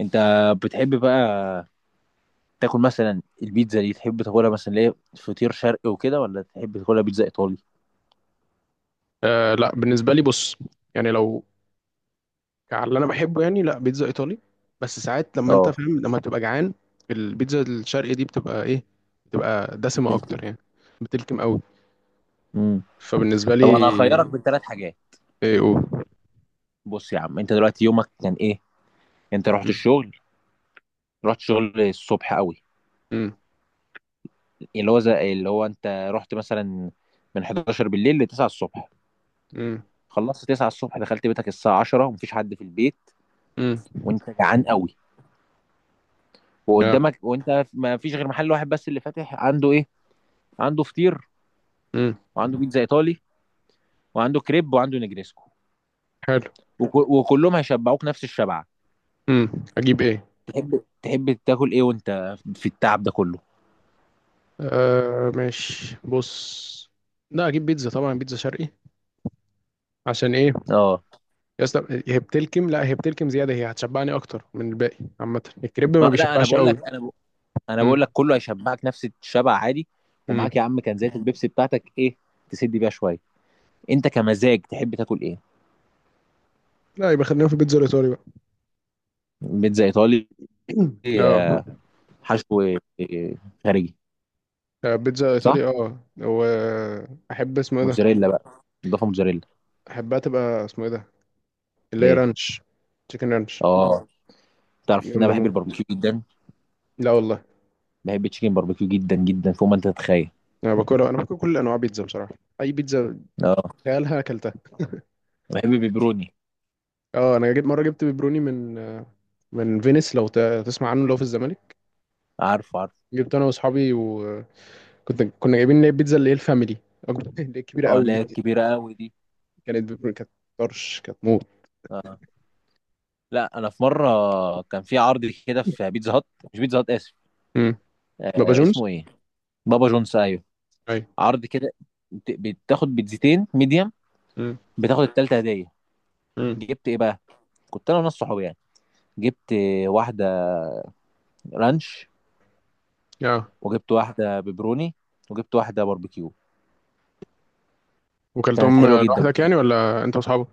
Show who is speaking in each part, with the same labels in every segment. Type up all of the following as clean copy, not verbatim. Speaker 1: انت بتحب بقى تاكل مثلا البيتزا دي؟ تحب تاكلها مثلا ليه فطير شرقي وكده، ولا تحب تاكلها بيتزا ايطالي؟
Speaker 2: آه لا، بالنسبه لي بص، يعني لو على اللي انا بحبه، يعني لا بيتزا ايطالي. بس ساعات لما انت
Speaker 1: اه،
Speaker 2: فاهم، لما تبقى جعان البيتزا الشرقي دي بتبقى ايه؟ بتبقى دسمه
Speaker 1: بتقول كده.
Speaker 2: اكتر يعني، بتلكم قوي.
Speaker 1: امم
Speaker 2: فبالنسبه
Speaker 1: طب انا هخيرك
Speaker 2: لي
Speaker 1: بين 3 حاجات.
Speaker 2: ايه او.
Speaker 1: بص يا عم، انت دلوقتي يومك كان ايه؟ انت رحت
Speaker 2: مم،
Speaker 1: الشغل، رحت الشغل الصبح قوي،
Speaker 2: مم،
Speaker 1: اللي هو زي اللي هو انت رحت مثلا من 11 بالليل ل 9 الصبح،
Speaker 2: مم،
Speaker 1: خلصت 9 الصبح دخلت بيتك الساعه 10، ومفيش حد في البيت،
Speaker 2: مم،
Speaker 1: وانت جعان قوي،
Speaker 2: يا،
Speaker 1: وقدامك وانت ما فيش غير محل واحد بس اللي فاتح. عنده ايه؟ عنده فطير،
Speaker 2: مم،
Speaker 1: وعنده بيتزا ايطالي، وعنده كريب، وعنده نجريسكو،
Speaker 2: حلو.
Speaker 1: وكلهم هيشبعوك نفس الشبعه.
Speaker 2: مم، اجيب ايه؟
Speaker 1: تحب تاكل ايه وانت في التعب ده كله؟
Speaker 2: آه ماشي بص، لا اجيب بيتزا، طبعا بيتزا شرقي. عشان ايه؟
Speaker 1: اه.
Speaker 2: يا اسطى هي بتلكم، لا هي بتلكم زياده، هي هتشبعني اكتر من الباقي. عامه الكريب ما
Speaker 1: لا،
Speaker 2: بيشبعش قوي.
Speaker 1: انا بقول لك
Speaker 2: مم.
Speaker 1: كله هيشبعك نفس الشبع عادي.
Speaker 2: مم.
Speaker 1: ومعاك يا عم كنزات البيبسي بتاعتك، ايه، تسد بيها شويه. انت كمزاج تحب تاكل ايه؟
Speaker 2: لا يبقى خلينا في البيتزا الايطالي بقى.
Speaker 1: بيتزا ايطالي.
Speaker 2: اه،
Speaker 1: آه، حشو. خارجي.
Speaker 2: آه، بيتزا
Speaker 1: صح،
Speaker 2: ايطالي اه. واحب اسمه ايه ده؟
Speaker 1: موتزاريلا بقى، اضافه موتزاريلا.
Speaker 2: احبها تبقى اسمه ايه ده، اللي هي
Speaker 1: ايه؟
Speaker 2: رانش، تشيكن رانش.
Speaker 1: اه. تعرف ان
Speaker 2: جامده
Speaker 1: انا بحب
Speaker 2: موت،
Speaker 1: الباربيكيو جدا،
Speaker 2: لا والله.
Speaker 1: بحب التشيكن باربيكيو جدا جدا فوق ما انت تتخيل.
Speaker 2: انا باكلها، انا باكل كل انواع بيتزا بصراحه، اي بيتزا
Speaker 1: اه،
Speaker 2: تخيلها اكلتها.
Speaker 1: بحب البيبروني.
Speaker 2: اه انا جيت مره جبت بيبروني من من فينيس، لو تسمع عنه، لو في الزمالك.
Speaker 1: عارف، عارف.
Speaker 2: جبت انا واصحابي، وكنت كنا جايبين اللي هي البيتزا اللي هي الفاميلي، اللي هي الكبيره
Speaker 1: اه،
Speaker 2: قوي
Speaker 1: اللي
Speaker 2: دي.
Speaker 1: هي الكبيرة قوي دي.
Speaker 2: كانت بيبروني، كانت طرش، كانت موت.
Speaker 1: اه، لا انا في مرة كان في عرض كده في بيتزا هات، مش بيتزا هات، اسف.
Speaker 2: مم. بابا جونز،
Speaker 1: اسمه ايه؟ بابا جونز، ايوه.
Speaker 2: ايوه.
Speaker 1: عرض كده، بتاخد بيتزتين ميديم،
Speaker 2: مم.
Speaker 1: بتاخد التالتة هدية.
Speaker 2: مم.
Speaker 1: جبت ايه بقى؟ كنت انا وناس صحابي يعني. جبت واحدة رانش،
Speaker 2: اه،
Speaker 1: وجبت واحدة بيبروني، وجبت واحدة باربيكيو. كانت
Speaker 2: وكلتهم
Speaker 1: حلوة جدا
Speaker 2: لوحدك
Speaker 1: بصراحة.
Speaker 2: يعني ولا انت واصحابك؟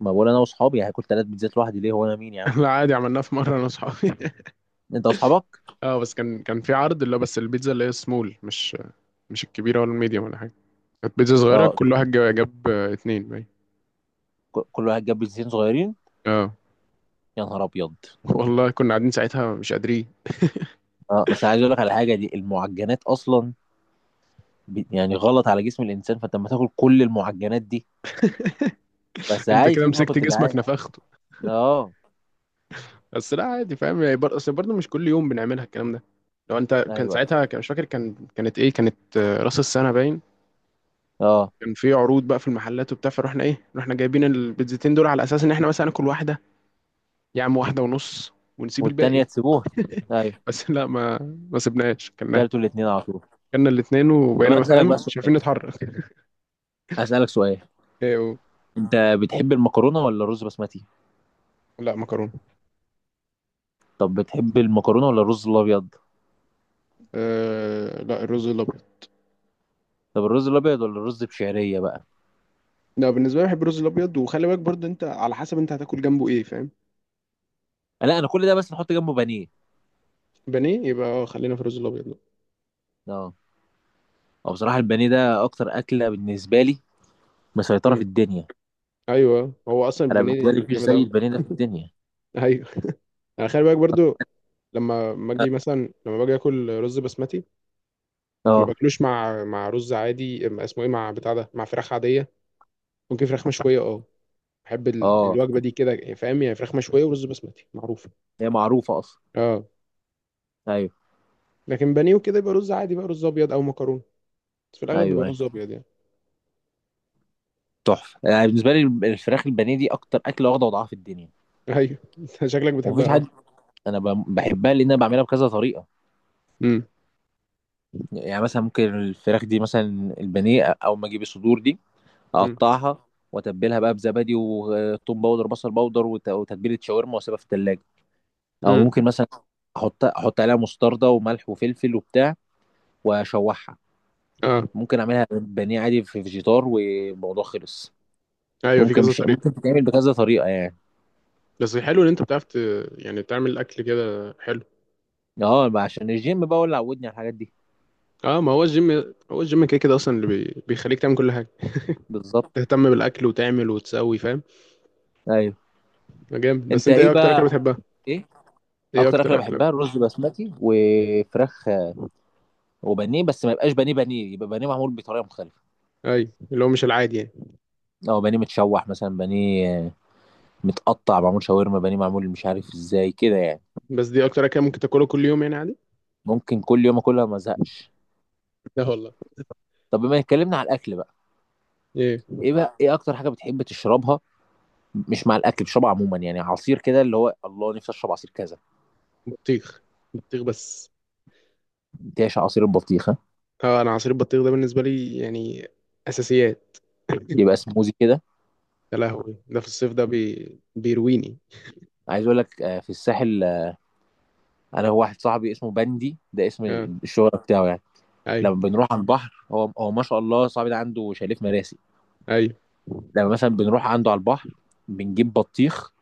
Speaker 1: ما بقول انا واصحابي، هاكل تلات بيتزات لوحدي ليه؟ هو انا مين يا عم؟
Speaker 2: لا عادي، عملناها في مره انا واصحابي.
Speaker 1: انت واصحابك.
Speaker 2: اه بس كان في عرض، اللي هو بس البيتزا اللي هي سمول، مش مش الكبيره ولا الميديوم ولا حاجه. كانت بيتزا صغيره،
Speaker 1: اه،
Speaker 2: كل واحد جاب، اتنين باين.
Speaker 1: كل واحد جاب بيتزتين صغيرين.
Speaker 2: اه.
Speaker 1: يا نهار ابيض.
Speaker 2: والله كنا قاعدين ساعتها مش قادرين.
Speaker 1: اه، بس عايز اقول لك على حاجه. دي المعجنات اصلا يعني غلط على جسم الانسان، فانت لما تاكل كل المعجنات دي، بس
Speaker 2: انت
Speaker 1: عايز
Speaker 2: كده
Speaker 1: ليك ما
Speaker 2: مسكت
Speaker 1: كنت
Speaker 2: جسمك
Speaker 1: جعان.
Speaker 2: نفخته.
Speaker 1: اه.
Speaker 2: بس لا عادي فاهم يعني، اصل برضه مش كل يوم بنعملها الكلام ده. لو انت كان
Speaker 1: ايوه.
Speaker 2: ساعتها، كان مش فاكر، كان كانت ايه؟ كانت آه، راس السنه باين.
Speaker 1: اه.
Speaker 2: كان في عروض بقى في المحلات وبتاع، فروحنا ايه، رحنا جايبين البيتزتين دول على اساس ان احنا مثلا هناكل واحده، يا عم واحدة ونص، ونسيب
Speaker 1: والتانيه
Speaker 2: الباقي.
Speaker 1: تسيبوها. ايوه،
Speaker 2: بس لا ما سبناش،
Speaker 1: كلتوا
Speaker 2: كلناها.
Speaker 1: الاتنين على طول.
Speaker 2: كلنا الاتنين
Speaker 1: طب انا
Speaker 2: وبقينا
Speaker 1: اسالك بقى
Speaker 2: فاهم مش عارفين
Speaker 1: سؤال،
Speaker 2: نتحرك.
Speaker 1: اسالك سؤال.
Speaker 2: إيه
Speaker 1: انت بتحب المكرونه ولا الرز بسمتي؟
Speaker 2: لا مكرونة.
Speaker 1: طب بتحب المكرونه ولا الرز الابيض؟
Speaker 2: أه لا، الرز الأبيض.
Speaker 1: طب الرز الابيض ولا الرز بشعريه بقى؟
Speaker 2: لا بالنسبة لي بحب الرز الأبيض، وخلي بالك برضه أنت على حسب أنت هتاكل جنبه إيه فاهم.
Speaker 1: لا انا كل ده بس نحط جنبه بانيه.
Speaker 2: بانيه، يبقى آه، خلينا في الرز الأبيض ده.
Speaker 1: اه. او بصراحه البانيه ده اكتر اكله بالنسبه لي، مسيطره في
Speaker 2: امم.
Speaker 1: الدنيا.
Speaker 2: أيوه هو أصلا
Speaker 1: انا بالنسبه لي
Speaker 2: البانيه
Speaker 1: مفيش
Speaker 2: جامد
Speaker 1: زي
Speaker 2: أوي.
Speaker 1: البانيه ده في الدنيا.
Speaker 2: أيوه. أنا خلي بالك برضه، لما باجي اكل رز بسمتي، ما
Speaker 1: اه.
Speaker 2: باكلوش مع مع رز عادي، اسمه ايه، مع بتاع ده، مع فراخ عاديه، ممكن فراخ مشويه اه. بحب
Speaker 1: اه،
Speaker 2: الوجبه دي كده فاهم، يعني فراخ مشويه ورز بسمتي معروفه.
Speaker 1: هي معروفة اصلا.
Speaker 2: اه.
Speaker 1: ايوه.
Speaker 2: لكن بانيه وكده يبقى رز عادي بقى، رز ابيض او مكرونه. بس في الاغلب بيبقى
Speaker 1: ايوه. ايوه،
Speaker 2: رز ابيض يعني.
Speaker 1: تحفة يعني بالنسبة لي. الفراخ البانيه دي اكتر اكلة واخدة وضعها في الدنيا.
Speaker 2: ايوه. أنت شكلك بتحبها
Speaker 1: ومفيش
Speaker 2: قوي.
Speaker 1: حد. انا بحبها لان انا بعملها بكذا طريقة.
Speaker 2: امم.
Speaker 1: يعني مثلا ممكن الفراخ دي مثلا البانيه، او ما اجيب الصدور دي،
Speaker 2: امم.
Speaker 1: اقطعها، واتبلها بزبادي وثوم باودر، بصل باودر، وتتبيلة شاورما، واسيبها في التلاجة. او
Speaker 2: امم.
Speaker 1: ممكن مثلا احط عليها مستردة وملح وفلفل وبتاع، واشوحها.
Speaker 2: اه.
Speaker 1: ممكن اعملها بانيه عادي في فيجيتار والموضوع خلص.
Speaker 2: ايوه في
Speaker 1: ممكن
Speaker 2: كذا
Speaker 1: مش
Speaker 2: طريقه.
Speaker 1: ممكن تتعمل بكذا طريقة يعني.
Speaker 2: بس حلو ان انت بتعرف يعني تعمل الاكل كده، حلو.
Speaker 1: اه بقى، عشان الجيم بقى هو اللي عودني على الحاجات دي.
Speaker 2: اه ما هو الجيم، هو الجيم كده كده اصلا اللي بيخليك تعمل كل حاجه،
Speaker 1: بالظبط.
Speaker 2: تهتم بالاكل وتعمل وتسوي فاهم.
Speaker 1: ايوه.
Speaker 2: آه، جامد. بس
Speaker 1: انت
Speaker 2: انت ايه
Speaker 1: ايه
Speaker 2: اكتر اكله
Speaker 1: بقى؟
Speaker 2: بتحبها؟
Speaker 1: ايه
Speaker 2: ايه
Speaker 1: اكتر
Speaker 2: اكتر
Speaker 1: اكله؟
Speaker 2: اكله؟
Speaker 1: بحبها الرز بسمتي وفراخ وبانيه، بس ما يبقاش بانيه بانيه، يبقى بانيه معمول بطريقه مختلفه.
Speaker 2: ايوه اللي هو مش العادي يعني.
Speaker 1: او بانيه متشوح مثلا، بانيه متقطع معمول شاورما، بانيه معمول مش عارف ازاي كده يعني.
Speaker 2: بس دي اكتر اكله ممكن تاكلها كل يوم يعني عادي.
Speaker 1: ممكن كل يوم اكلها ما ازهقش.
Speaker 2: لا والله.
Speaker 1: طب بما اتكلمنا على الاكل بقى،
Speaker 2: ايه؟
Speaker 1: ايه بقى، ايه اكتر حاجه بتحب تشربها؟ مش مع الاكل، بتشربها عموما يعني، عصير كده، اللي هو الله نفسي اشرب عصير كذا.
Speaker 2: بطيخ. بطيخ بس.
Speaker 1: تعشى عصير البطيخ.
Speaker 2: طبعا انا عصير البطيخ ده بالنسبه لي يعني اساسيات.
Speaker 1: يبقى سموزي كده.
Speaker 2: يا لهوي، ده في الصيف ده بيرويني.
Speaker 1: عايز اقول لك، في الساحل، انا واحد صاحبي اسمه بندي، ده اسم
Speaker 2: اه.
Speaker 1: الشهرة بتاعه يعني.
Speaker 2: ايوه
Speaker 1: لما بنروح على البحر، هو ما شاء الله صاحبي ده عنده شاليه في مراسي.
Speaker 2: ايوه.
Speaker 1: لما مثلا بنروح عنده على البحر، بنجيب بطيخ،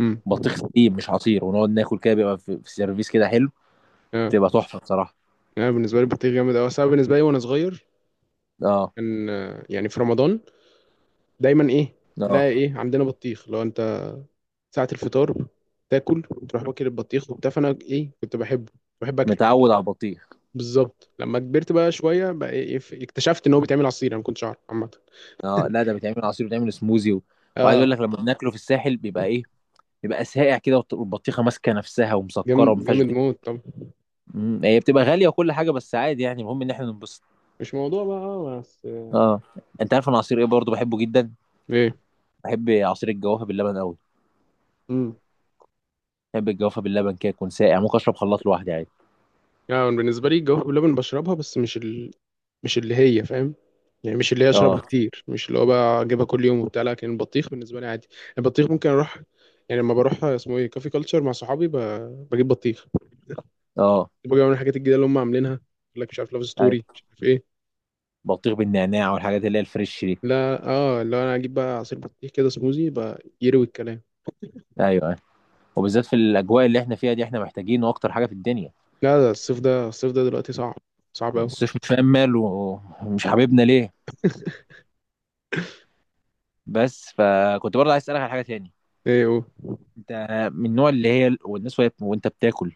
Speaker 2: امم.
Speaker 1: بطيخ سليم مش عصير، ونقعد ناكل كده. بيبقى في سيرفيس كده حلو.
Speaker 2: اه
Speaker 1: تبقى تحفة بصراحة.
Speaker 2: انا بالنسبه لي البطيخ جامد قوي. انا بالنسبه لي وانا صغير،
Speaker 1: اه.
Speaker 2: كان آه، يعني في رمضان دايما ايه،
Speaker 1: اه،
Speaker 2: تلاقي ايه، عندنا بطيخ، لو انت ساعه الفطار، تاكل وتروح واكل البطيخ وبتاع. فانا ايه، كنت بحبه، بحب اكله.
Speaker 1: متعود على البطيخ.
Speaker 2: بالظبط. لما كبرت بقى شويه بقى، إيه إيه، اكتشفت ان هو بيتعمل عصير، انا ما كنتش اعرف عامه.
Speaker 1: اه، لا ده بيتعمل عصير، بيتعمل سموزي. وعايز اقول
Speaker 2: اه.
Speaker 1: لك لما بناكله في الساحل بيبقى ايه، بيبقى ساقع كده، والبطيخة ماسكة نفسها ومسكرة وما
Speaker 2: جامد،
Speaker 1: فيهاش.
Speaker 2: جامد موت. طب
Speaker 1: هي بتبقى غالية وكل حاجة بس عادي يعني، المهم ان احنا ننبسط.
Speaker 2: مش موضوع بقى آه، بس.
Speaker 1: اه. انت عارف انا عصير ايه برضه بحبه جدا؟
Speaker 2: ايه.
Speaker 1: بحب عصير الجوافة باللبن قوي.
Speaker 2: امم.
Speaker 1: بحب الجوافة باللبن كده يكون ساقع، ممكن اشرب خلاط لوحدي عادي.
Speaker 2: يعني بالنسبه لي الجوافه باللبن بشربها، بس مش اللي هي فاهم، يعني مش اللي هي اشربها
Speaker 1: اه.
Speaker 2: كتير، مش اللي هو بقى اجيبها كل يوم وبتاع. لكن البطيخ بالنسبه لي عادي، البطيخ ممكن اروح، يعني لما بروح اسمه ايه كافي كلتشر مع صحابي، بجيب بطيخ،
Speaker 1: اه.
Speaker 2: بجيب من الحاجات الجديده اللي هم عاملينها، يقول لك مش عارف لاف ستوري
Speaker 1: ايوه.
Speaker 2: مش عارف ايه.
Speaker 1: بطيخ بالنعناع والحاجات اللي هي الفريش دي.
Speaker 2: لا اه، اللي هو انا اجيب بقى عصير بطيخ كده، سموزي بقى يروي الكلام.
Speaker 1: ايوه، ايوه. وبالذات في الاجواء اللي احنا فيها دي، احنا محتاجينه اكتر حاجة في الدنيا.
Speaker 2: لا ده الصيف، ده الصيف ده دلوقتي صعب، صعب قوي.
Speaker 1: الصيف مش فاهم ماله ومش حبيبنا ليه. بس فكنت برضه عايز اسألك على حاجة تاني.
Speaker 2: ايه هو؟
Speaker 1: انت من النوع اللي هي والناس وانت بتاكل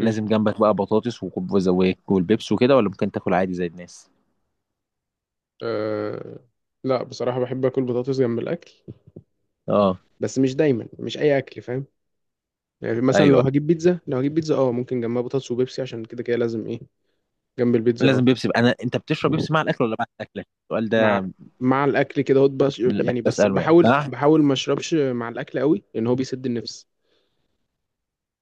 Speaker 1: لازم جنبك بقى بطاطس وزواك والبيبس وكده، ولا ممكن تاكل عادي زي الناس؟
Speaker 2: أه لا بصراحة بحب أكل بطاطس جنب الأكل،
Speaker 1: اه.
Speaker 2: بس مش دايما، مش أي أكل فاهم. يعني مثلا لو
Speaker 1: ايوه،
Speaker 2: هجيب بيتزا، لو هجيب بيتزا أه ممكن جنبها بطاطس وبيبسي، عشان كده كده لازم إيه جنب البيتزا، أه.
Speaker 1: لازم بيبسي بقى. انا انت بتشرب بيبسي مع الاكل ولا بعد الاكل؟ السؤال
Speaker 2: مع
Speaker 1: ده
Speaker 2: مع الأكل كده هوت، بس
Speaker 1: اللي بحب
Speaker 2: يعني بس
Speaker 1: اساله يعني.
Speaker 2: بحاول،
Speaker 1: مع.
Speaker 2: بحاول ما أشربش مع الأكل قوي، لأن هو بيسد النفس،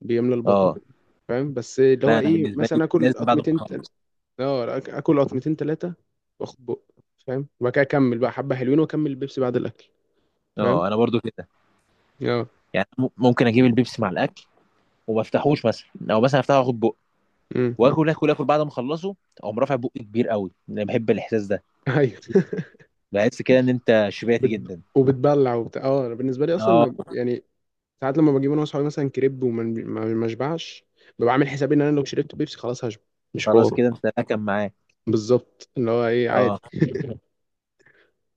Speaker 2: بيملى البطن
Speaker 1: اه،
Speaker 2: فاهم. بس اللي هو
Speaker 1: لا انا
Speaker 2: إيه
Speaker 1: بالنسبه لي
Speaker 2: مثلا، آكل
Speaker 1: لازم بعد ما
Speaker 2: قطمتين
Speaker 1: اخلص.
Speaker 2: أه، آكل قطمتين تلاتة، وآخد بق فاهم، وبعد كده أكمل بقى حبة حلوين، وأكمل البيبسي بعد الأكل فاهم.
Speaker 1: اه، انا برضو كده.
Speaker 2: أه.
Speaker 1: يعني ممكن اجيب البيبسي مع الاكل وما افتحوش مثلا، او مثلا افتحه واخد بق
Speaker 2: أمم.
Speaker 1: واكل، اكل، اكل بعد ما اخلصه اقوم رافع بقي كبير قوي. انا بحب الاحساس ده،
Speaker 2: أيوه.
Speaker 1: بحس كده ان انت شبعت جدا.
Speaker 2: وبتبلع وبتاع، اه انا بالنسبه لي اصلا
Speaker 1: اه.
Speaker 2: يعني ساعات لما بجيب انا واصحابي مثلا كريب، وما ما ما اشبعش، ببقى عامل حسابي ان انا لو شربت بيبسي خلاص هشبع، مش
Speaker 1: خلاص
Speaker 2: حوار.
Speaker 1: كده انت اكل معاه.
Speaker 2: بالظبط اللي هو ايه، عادي.
Speaker 1: اه.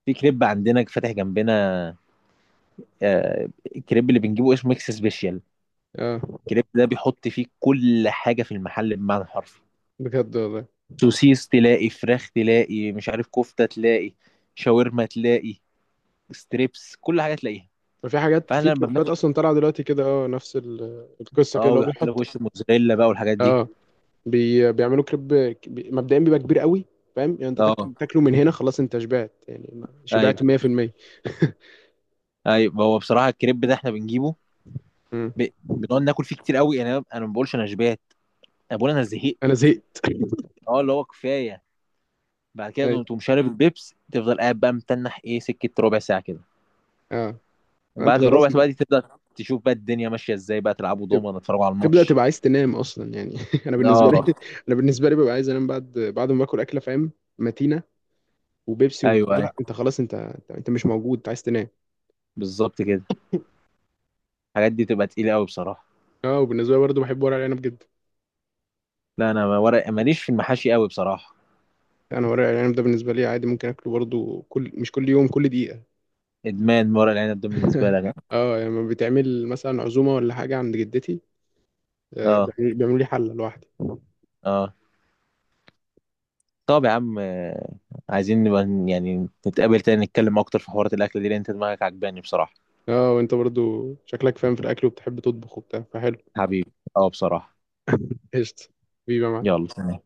Speaker 1: في كريب عندنا فاتح جنبنا، آه، الكريب اللي بنجيبه اسمه ميكس سبيشال.
Speaker 2: اه.
Speaker 1: الكريب ده بيحط فيه كل حاجه في المحل بمعنى حرفي.
Speaker 2: بجد والله.
Speaker 1: سوسيس تلاقي، فراخ تلاقي، مش عارف كفته تلاقي، شاورما تلاقي، ستريبس، كل حاجه تلاقيها.
Speaker 2: ففي حاجات
Speaker 1: فاحنا
Speaker 2: في
Speaker 1: لما
Speaker 2: كريبات
Speaker 1: بناكل.
Speaker 2: اصلا طالعه دلوقتي كده، اه نفس القصه كده،
Speaker 1: اه،
Speaker 2: اللي هو
Speaker 1: ويحط لك
Speaker 2: بيحط
Speaker 1: وش موزاريلا بقى والحاجات دي.
Speaker 2: اه، بيعملوا كريب، مبدئيا بيبقى كبير قوي، فاهم يعني انت
Speaker 1: اه.
Speaker 2: تاكل تاكله من هنا، خلاص انت شبعت يعني، شبعت
Speaker 1: ايوه.
Speaker 2: 100%.
Speaker 1: ايوه، هو بصراحه الكريب ده احنا بنجيبه،
Speaker 2: مم.
Speaker 1: بنقعد ناكل فيه كتير قوي يعني. انا ما بقولش انا شبعت، انا بقول انا زهقت.
Speaker 2: انا زهقت.
Speaker 1: اه، اللي هو كفايه. بعد
Speaker 2: اي،
Speaker 1: كده تقوم شارب البيبس، تفضل قاعد بقى متنح ايه سكه ربع ساعه كده.
Speaker 2: اه. انت
Speaker 1: بعد
Speaker 2: خلاص.
Speaker 1: الربع ساعه بقى دي تبدا تشوف بقى الدنيا ماشيه ازاي، بقى تلعبوا
Speaker 2: تب-
Speaker 1: دومنا، تتفرجوا على
Speaker 2: تبدأ
Speaker 1: الماتش.
Speaker 2: تبقى عايز تنام أصلا يعني. أنا بالنسبة لي،
Speaker 1: اه.
Speaker 2: أنا بالنسبة لي ببقى عايز أنام بعد، بعد ما باكل أكلة فاهم، متينة، وبيبسي
Speaker 1: ايوه.
Speaker 2: وبتاع،
Speaker 1: ايوه،
Speaker 2: لا أنت خلاص، أنت مش موجود، أنت عايز تنام.
Speaker 1: بالظبط كده. الحاجات دي تبقى تقيله قوي بصراحه.
Speaker 2: أه وبالنسبة لي برضه بحب ورق العنب جدا.
Speaker 1: لا انا، ورق ماليش في المحاشي قوي بصراحه.
Speaker 2: أنا ورق العنب ده بالنسبة لي عادي، ممكن أكله برضه، كل مش كل يوم، كل دقيقة.
Speaker 1: ادمان ورق العنب ده بالنسبه لك.
Speaker 2: أه يعني لما بتعمل مثلا عزومة ولا حاجة عند جدتي، آه،
Speaker 1: اه.
Speaker 2: بيعملوا لي حلة لوحدي.
Speaker 1: اه. طب يا عم، عايزين نبقى يعني نتقابل تاني، نتكلم اكتر في حوارات الاكل دي، لان انت دماغك عجباني بصراحه.
Speaker 2: أه وأنت برضه شكلك فاهم في الأكل، وبتحب تطبخ وبتاع فحلو.
Speaker 1: حبيبي. اه بصراحه.
Speaker 2: قشطة، بيبقى معاك.
Speaker 1: يلا، سلام.